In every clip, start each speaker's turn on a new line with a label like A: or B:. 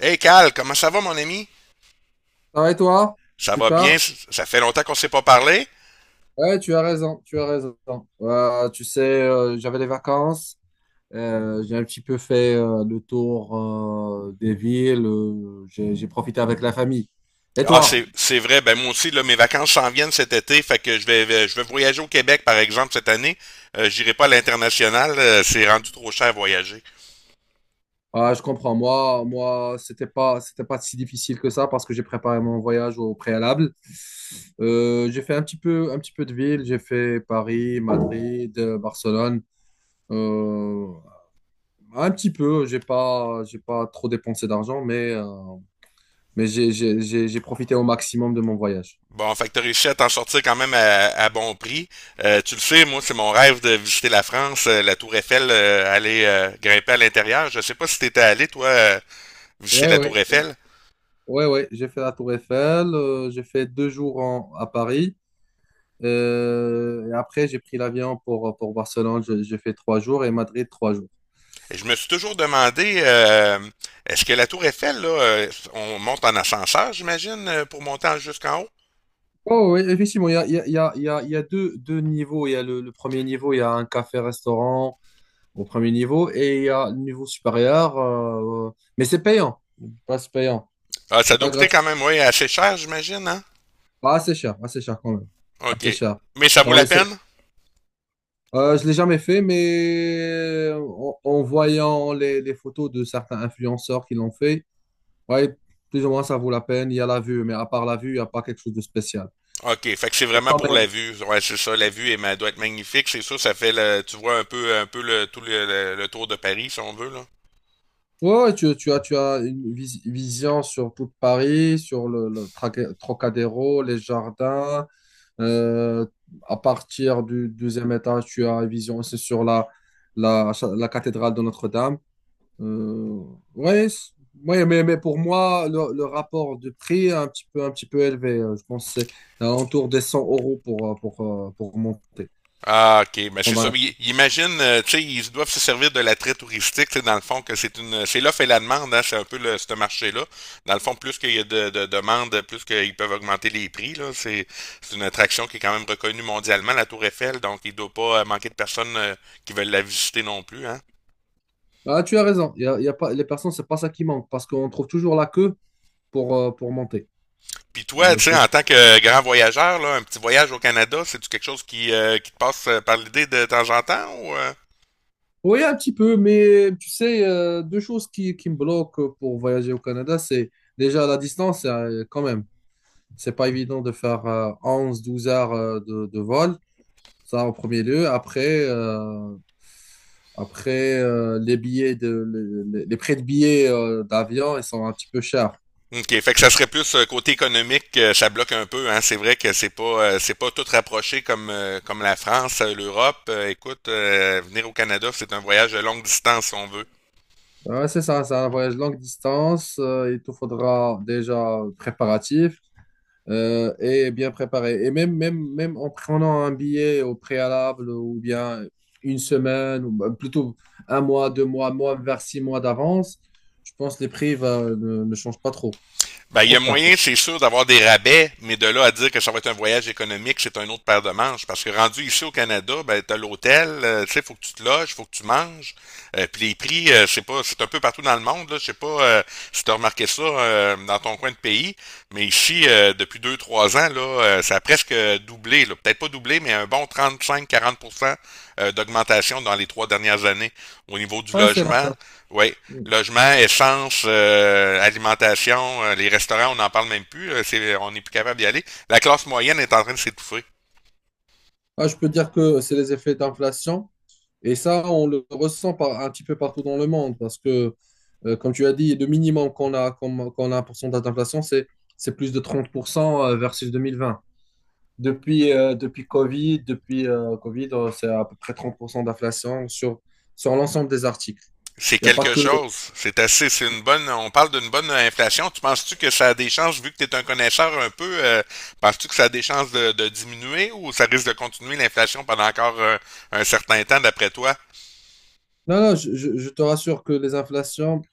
A: Hey Cal, comment ça va, mon ami?
B: Ça va et toi?
A: Ça va bien?
B: Super.
A: Ça fait longtemps qu'on ne s'est pas parlé?
B: Ouais, tu as raison, tu as raison. J'avais les vacances, j'ai un petit peu fait le tour des villes, j'ai profité avec la famille. Et
A: Ah,
B: toi?
A: c'est vrai. Ben, moi aussi, là, mes vacances s'en viennent cet été. Fait que je vais voyager au Québec, par exemple, cette année. J'irai pas à l'international. C'est rendu trop cher à voyager.
B: Ah, je comprends. Moi, c'était pas si difficile que ça parce que j'ai préparé mon voyage au préalable. J'ai fait un petit peu de ville. J'ai fait Paris, Madrid, Barcelone. Euh, un petit peu. J'ai pas trop dépensé d'argent, mais j'ai profité au maximum de mon voyage.
A: Bon, fait que t'as réussi à t'en sortir quand même à bon prix. Tu le sais, moi, c'est mon rêve de visiter la France, la Tour Eiffel, aller grimper à l'intérieur. Je sais pas si t'étais allé, toi, visiter
B: Ouais,
A: la Tour
B: ouais,
A: Eiffel.
B: ouais, ouais. J'ai fait la Tour Eiffel, j'ai fait deux jours à Paris. Et après, j'ai pris l'avion pour Barcelone. J'ai fait trois jours et Madrid, trois jours.
A: Je me suis toujours demandé, est-ce que la Tour Eiffel, là, on monte en ascenseur, j'imagine, pour jusqu'en haut?
B: Oh, oui, effectivement, il y a, il y a, il y a, il y a il y a deux niveaux. Il y a le premier niveau, il y a un café-restaurant au premier niveau, et il y a le niveau supérieur, mais c'est payant. Pas c'est payant.
A: Ah, ça
B: C'est
A: doit
B: pas
A: coûter
B: gratuit.
A: quand même, oui, assez cher, j'imagine, hein?
B: Pas assez cher, assez cher quand même.
A: OK.
B: Assez cher.
A: Mais ça vaut
B: Dans
A: la
B: les
A: peine?
B: Je l'ai jamais fait, mais en, en voyant les photos de certains influenceurs qui l'ont fait, ouais, plus ou moins ça vaut la peine. Il y a la vue, mais à part la vue, il n'y a pas quelque chose de spécial.
A: OK, fait que c'est
B: Et
A: vraiment
B: quand
A: pour la
B: même,
A: vue. Ouais, c'est ça, la vue elle, elle doit être magnifique, c'est sûr, ça fait le, tu vois un peu le tout le tour de Paris si on veut là.
B: ouais, ouais, tu as une vision sur toute Paris, sur le Trocadéro, les jardins. Euh, à partir du deuxième étage, tu as une vision aussi sur la, la cathédrale de Notre-Dame. Euh, ouais, c- ouais, mais pour moi, le rapport de prix est un petit peu élevé. Je pense que c'est alentour des 100 euros pour monter.
A: Ah, ok, ben c'est
B: Prendre
A: ça.
B: un-
A: Mais imagine, tu sais, ils doivent se servir de l'attrait touristique, tu sais, dans le fond, que c'est l'offre et la demande, hein, c'est un peu ce marché-là. Dans le fond, plus qu'il y a de demandes, plus qu'ils peuvent augmenter les prix, là. C'est une attraction qui est quand même reconnue mondialement, la Tour Eiffel, donc il ne doit pas manquer de personnes qui veulent la visiter non plus, hein.
B: Ah, tu as raison. Il y a pas, les personnes, c'est pas ça qui manque parce qu'on trouve toujours la queue pour monter.
A: Puis toi,
B: Euh,
A: tu sais,
B: c'est-
A: en tant que grand voyageur, là, un petit voyage au Canada, c'est-tu quelque chose qui te passe par l'idée de temps en temps ou?
B: oui, un petit peu, mais tu sais, deux choses qui me bloquent pour voyager au Canada, c'est déjà la distance, quand même. C'est pas évident de faire onze douze heures de vol. Ça en premier lieu. Après, euh, Après, les les prix de billets d'avion, ils sont un petit peu chers.
A: OK, fait que ça serait plus côté économique, ça bloque un peu. Hein. C'est vrai que c'est pas tout rapproché comme la France, l'Europe. Écoute, venir au Canada, c'est un voyage de longue distance si on veut.
B: Ouais, c'est ça, c'est un voyage longue distance. Il te faudra déjà préparatif et bien préparé. Et même en prenant un billet au préalable, ou bien une semaine, ou bah, plutôt un mois, deux mois, mois vers six mois d'avance, je pense que les prix ne changent pas trop.
A: Ben, il
B: Trop
A: y a
B: cher, quoi.
A: moyen, c'est sûr, d'avoir des rabais, mais de là à dire que ça va être un voyage économique, c'est un autre paire de manches. Parce que rendu ici au Canada, ben, t'as l'hôtel, tu sais, faut que tu te loges, faut que tu manges. Puis les prix, c'est pas, c'est un peu partout dans le monde, là. Je sais pas si t'as remarqué ça dans ton coin de pays, mais ici, depuis deux, trois ans, là, ça a presque doublé, là. Peut-être pas doublé, mais un bon 35-40% d'augmentation dans les trois dernières années au niveau du
B: Ouais, c'est
A: logement.
B: l'inflation.
A: Oui, logement, essence, alimentation, les restaurants, on n'en parle même plus. On n'est plus capable d'y aller. La classe moyenne est en train de s'étouffer.
B: Ah, je peux dire que c'est les effets d'inflation. Et ça, on le ressent un petit peu partout dans le monde parce que, comme tu as dit, le minimum qu'on a un pourcentage d'inflation, c'est plus de 30% versus 2020. Depuis Covid, c'est à peu près 30% d'inflation sur l'ensemble des articles.
A: C'est
B: Il n'y a pas
A: quelque
B: que...
A: chose. C'est assez, c'est une bonne. On parle d'une bonne inflation. Tu penses-tu que ça a des chances, vu que tu es un connaisseur un peu, penses-tu que ça a des chances de diminuer ou ça risque de continuer l'inflation pendant encore un certain temps, d'après toi?
B: Non, non, je te rassure que les inflations,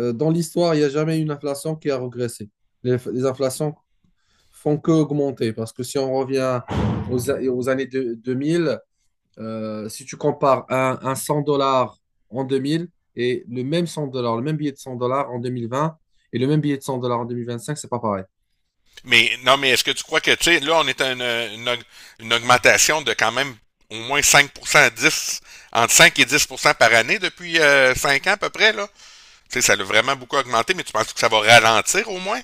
B: dans l'histoire, il n'y a jamais eu une inflation qui a régressé. Les inflations font que augmenter parce que si on revient aux années 2000. Si tu compares un 100 dollars en 2000 et le même 100 dollars, le même billet de 100 dollars en 2020 et le même billet de 100 dollars en deux mille vingt cinq, c'est pas pareil.
A: Mais non, mais est-ce que tu crois que, tu sais, là, on est à une augmentation de quand même au moins 5% à 10 entre 5 et 10% par année depuis 5 ans à peu près, là? Tu sais, ça l'a vraiment beaucoup augmenté, mais tu penses que ça va ralentir au moins?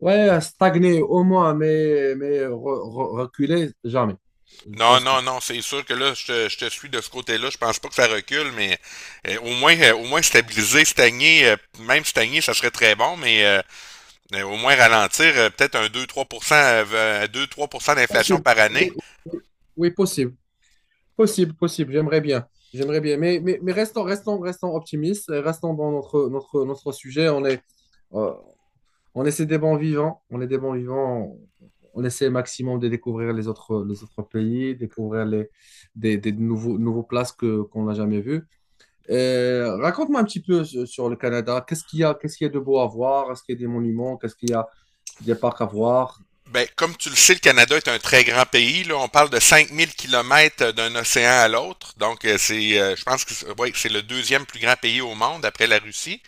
B: Ouais, stagner au moins, mais reculer, jamais. Je
A: Non,
B: pense
A: non,
B: pas.
A: non, c'est sûr que là, je te suis de ce côté-là. Je pense pas que ça recule, mais au moins, stagner, même stagner, ça serait très bon, mais au moins ralentir, peut-être un 2-3%, 2 à 3% d'inflation
B: Possible.
A: par
B: Oui,
A: année.
B: oui, oui, possible. Possible, possible. J'aimerais bien. J'aimerais bien. Mais restons, restons, restons optimistes. Restons dans notre sujet. Euh, On essaie des bons vivants, on est des bons vivants, on essaie au maximum de découvrir les autres pays, découvrir des nouveaux places qu'on n'a jamais vues. Raconte-moi un petit peu sur sur le Canada. Qu'est-ce qu'il y a, qu'est-ce qu'il y a de beau à voir? Est-ce qu'il y a des monuments? Qu'est-ce qu'il y a des parcs à voir?
A: Ben, comme tu le sais, le Canada est un très grand pays. Là, on parle de 5000 kilomètres d'un océan à l'autre. Donc, je pense que ouais, que c'est le deuxième plus grand pays au monde après la Russie.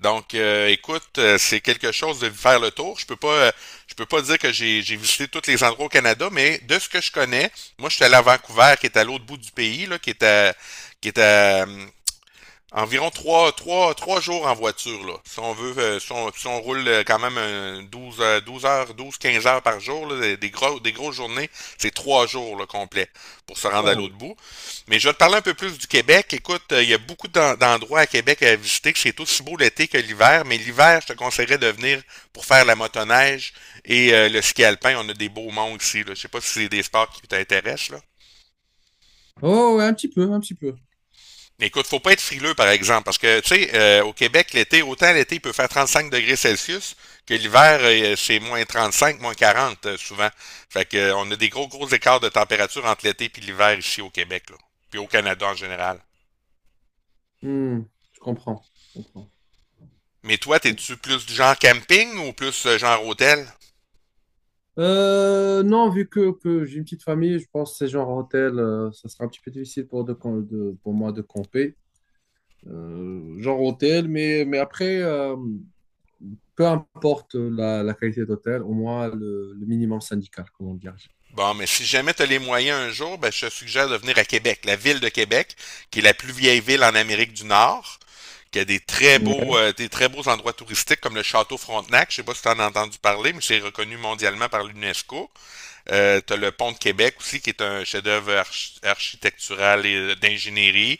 A: Donc, écoute, c'est quelque chose de faire le tour. Je peux pas dire que j'ai visité tous les endroits au Canada, mais de ce que je connais, moi, je suis allé à Vancouver, qui est à l'autre bout du pays, là, qui est à, euh, environ trois jours en voiture, là. Si on veut, si on roule quand même 12 12 heures, 12, 15 heures par jour, là, des grosses journées, c'est trois jours, là, complet pour se rendre à
B: Wow.
A: l'autre bout. Mais je vais te parler un peu plus du Québec. Écoute, il y a beaucoup d'endroits à Québec à visiter, que c'est aussi beau l'été que l'hiver, mais l'hiver, je te conseillerais de venir pour faire la motoneige et le ski alpin. On a des beaux monts ici, là. Je sais pas si c'est des sports qui t'intéressent, là.
B: Oh, ouais, un petit peu, un petit peu.
A: Écoute, faut pas être frileux, par exemple, parce que, tu sais, au Québec, l'été, autant l'été peut faire 35 degrés Celsius que l'hiver, c'est moins 35, moins 40, souvent. Fait que, on a des gros, gros écarts de température entre l'été puis l'hiver ici au Québec, là, puis au Canada en général.
B: Hmm, je comprends, je comprends,
A: Mais
B: je
A: toi,
B: comprends.
A: t'es-tu plus du genre camping ou plus genre hôtel?
B: Non, vu que j'ai une petite famille, je pense que ces genres hôtels, ça sera un petit peu difficile pour moi de camper. Genre hôtel, mais après, peu importe la qualité d'hôtel, au moins le minimum syndical, comment dire.
A: Bon, mais si jamais tu as les moyens un jour, ben, je te suggère de venir à Québec, la ville de Québec, qui est la plus vieille ville en Amérique du Nord, qui a des très beaux,
B: Ouais.
A: endroits touristiques comme le Château Frontenac. Je sais pas si tu en as entendu parler, mais c'est reconnu mondialement par l'UNESCO. Tu as le Pont de Québec aussi, qui est un chef-d'œuvre architectural et d'ingénierie.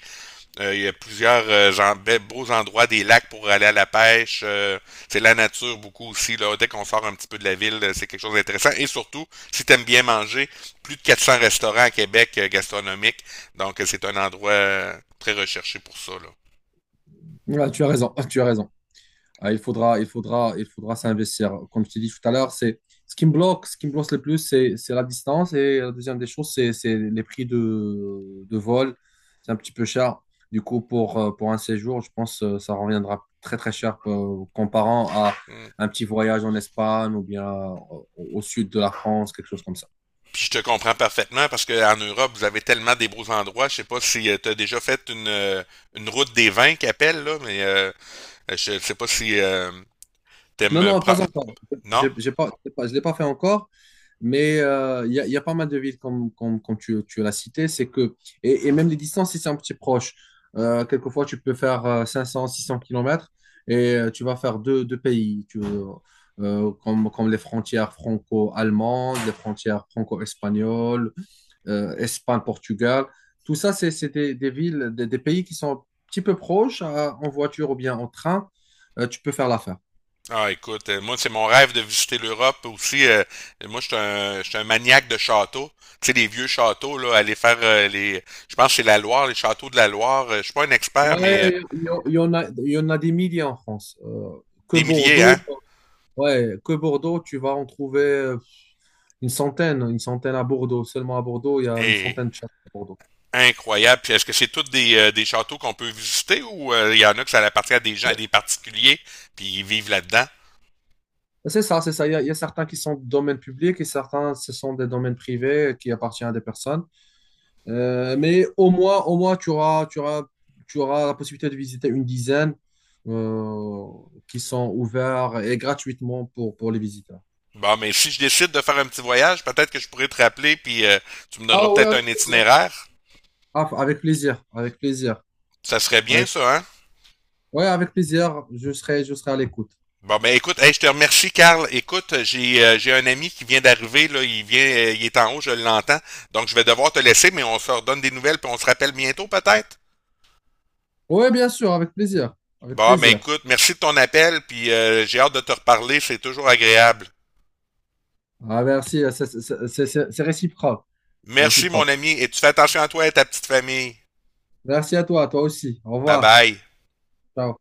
A: Il y a plusieurs beaux endroits, des lacs pour aller à la pêche. C'est la nature beaucoup aussi. Là. Dès qu'on sort un petit peu de la ville, c'est quelque chose d'intéressant. Et surtout, si tu aimes bien manger, plus de 400 restaurants à Québec gastronomiques. Donc, c'est un endroit très recherché pour ça. Là.
B: Ouais, tu as raison, tu as raison. Ah, il faudra s'investir. Comme je t'ai dit tout à l'heure, c'est ce qui me bloque, ce qui me bloque le plus, c'est la distance. Et la deuxième des choses, c'est les prix de vol. C'est un petit peu cher. Du coup, pour un séjour, je pense que ça reviendra très très cher comparant à
A: Mm.
B: un petit voyage en Espagne, ou bien au sud de la France, quelque chose comme ça.
A: Puis je te comprends parfaitement parce qu'en Europe, vous avez tellement des beaux endroits. Je sais pas si tu as déjà fait une route des vins qu'appelle, là, mais je sais pas si
B: Non,
A: t'aimes...
B: non, pas encore.
A: Non?
B: J'ai pas- Je ne l'ai pas fait encore. Y a pas mal de villes, comme tu l'as cité. Et et même les distances, si c'est un petit proche, quelquefois tu peux faire 500, 600 kilomètres, et tu vas faire deux pays, comme les frontières franco-allemandes, les frontières franco-espagnoles, Espagne-Portugal. Tout ça, c'est des villes, des pays qui sont un petit peu proches en voiture ou bien en train. Tu peux faire l'affaire.
A: Ah, écoute, moi, c'est mon rêve de visiter l'Europe aussi. Moi, je suis un maniaque de châteaux. Tu sais, les vieux châteaux, là, aller faire les. Je pense que c'est la Loire, les châteaux de la Loire. Je suis pas un expert, mais
B: Ouais, il y en a des milliers en France. Que
A: des milliers,
B: Bordeaux,
A: hein?
B: ouais, que Bordeaux, tu vas en trouver une centaine à Bordeaux. Seulement à Bordeaux, il y a une
A: Et
B: centaine de chats à Bordeaux.
A: incroyable. Puis est-ce que c'est tous des châteaux qu'on peut visiter ou il y en a que ça appartient à des gens, à des particuliers, puis ils vivent là-dedans?
B: Ben, c'est ça, c'est ça. Il y a certains qui sont de domaine public, et certains, ce sont des domaines privés qui appartiennent à des personnes. Mais au moins, tu auras la possibilité de visiter une dizaine euh, qui sont ouverts et gratuitement pour les visiteurs.
A: Bon, mais si je décide de faire un petit voyage, peut-être que je pourrais te rappeler, puis tu me donneras
B: Ah oui,
A: peut-être
B: avec
A: un
B: plaisir.
A: itinéraire.
B: Ah, avec plaisir, avec plaisir.
A: Ça serait bien,
B: Avec-
A: ça, hein?
B: Ouais, avec plaisir, je serai à l'écoute.
A: Bon, ben écoute, hey, je te remercie, Carl. Écoute, j'ai un ami qui vient d'arriver, là, il est en haut, je l'entends. Donc, je vais devoir te laisser, mais on se redonne des nouvelles, puis on se rappelle bientôt, peut-être.
B: Ouais, bien sûr, avec plaisir, avec
A: Bon, ben
B: plaisir.
A: écoute, merci de ton appel, puis j'ai hâte de te reparler, c'est toujours agréable.
B: Ah, merci, c'est réciproque, c'est
A: Merci, mon
B: réciproque.
A: ami, et tu fais attention à toi et à ta petite famille.
B: Merci à toi, toi aussi. Au
A: Bye
B: revoir.
A: bye.
B: Ciao.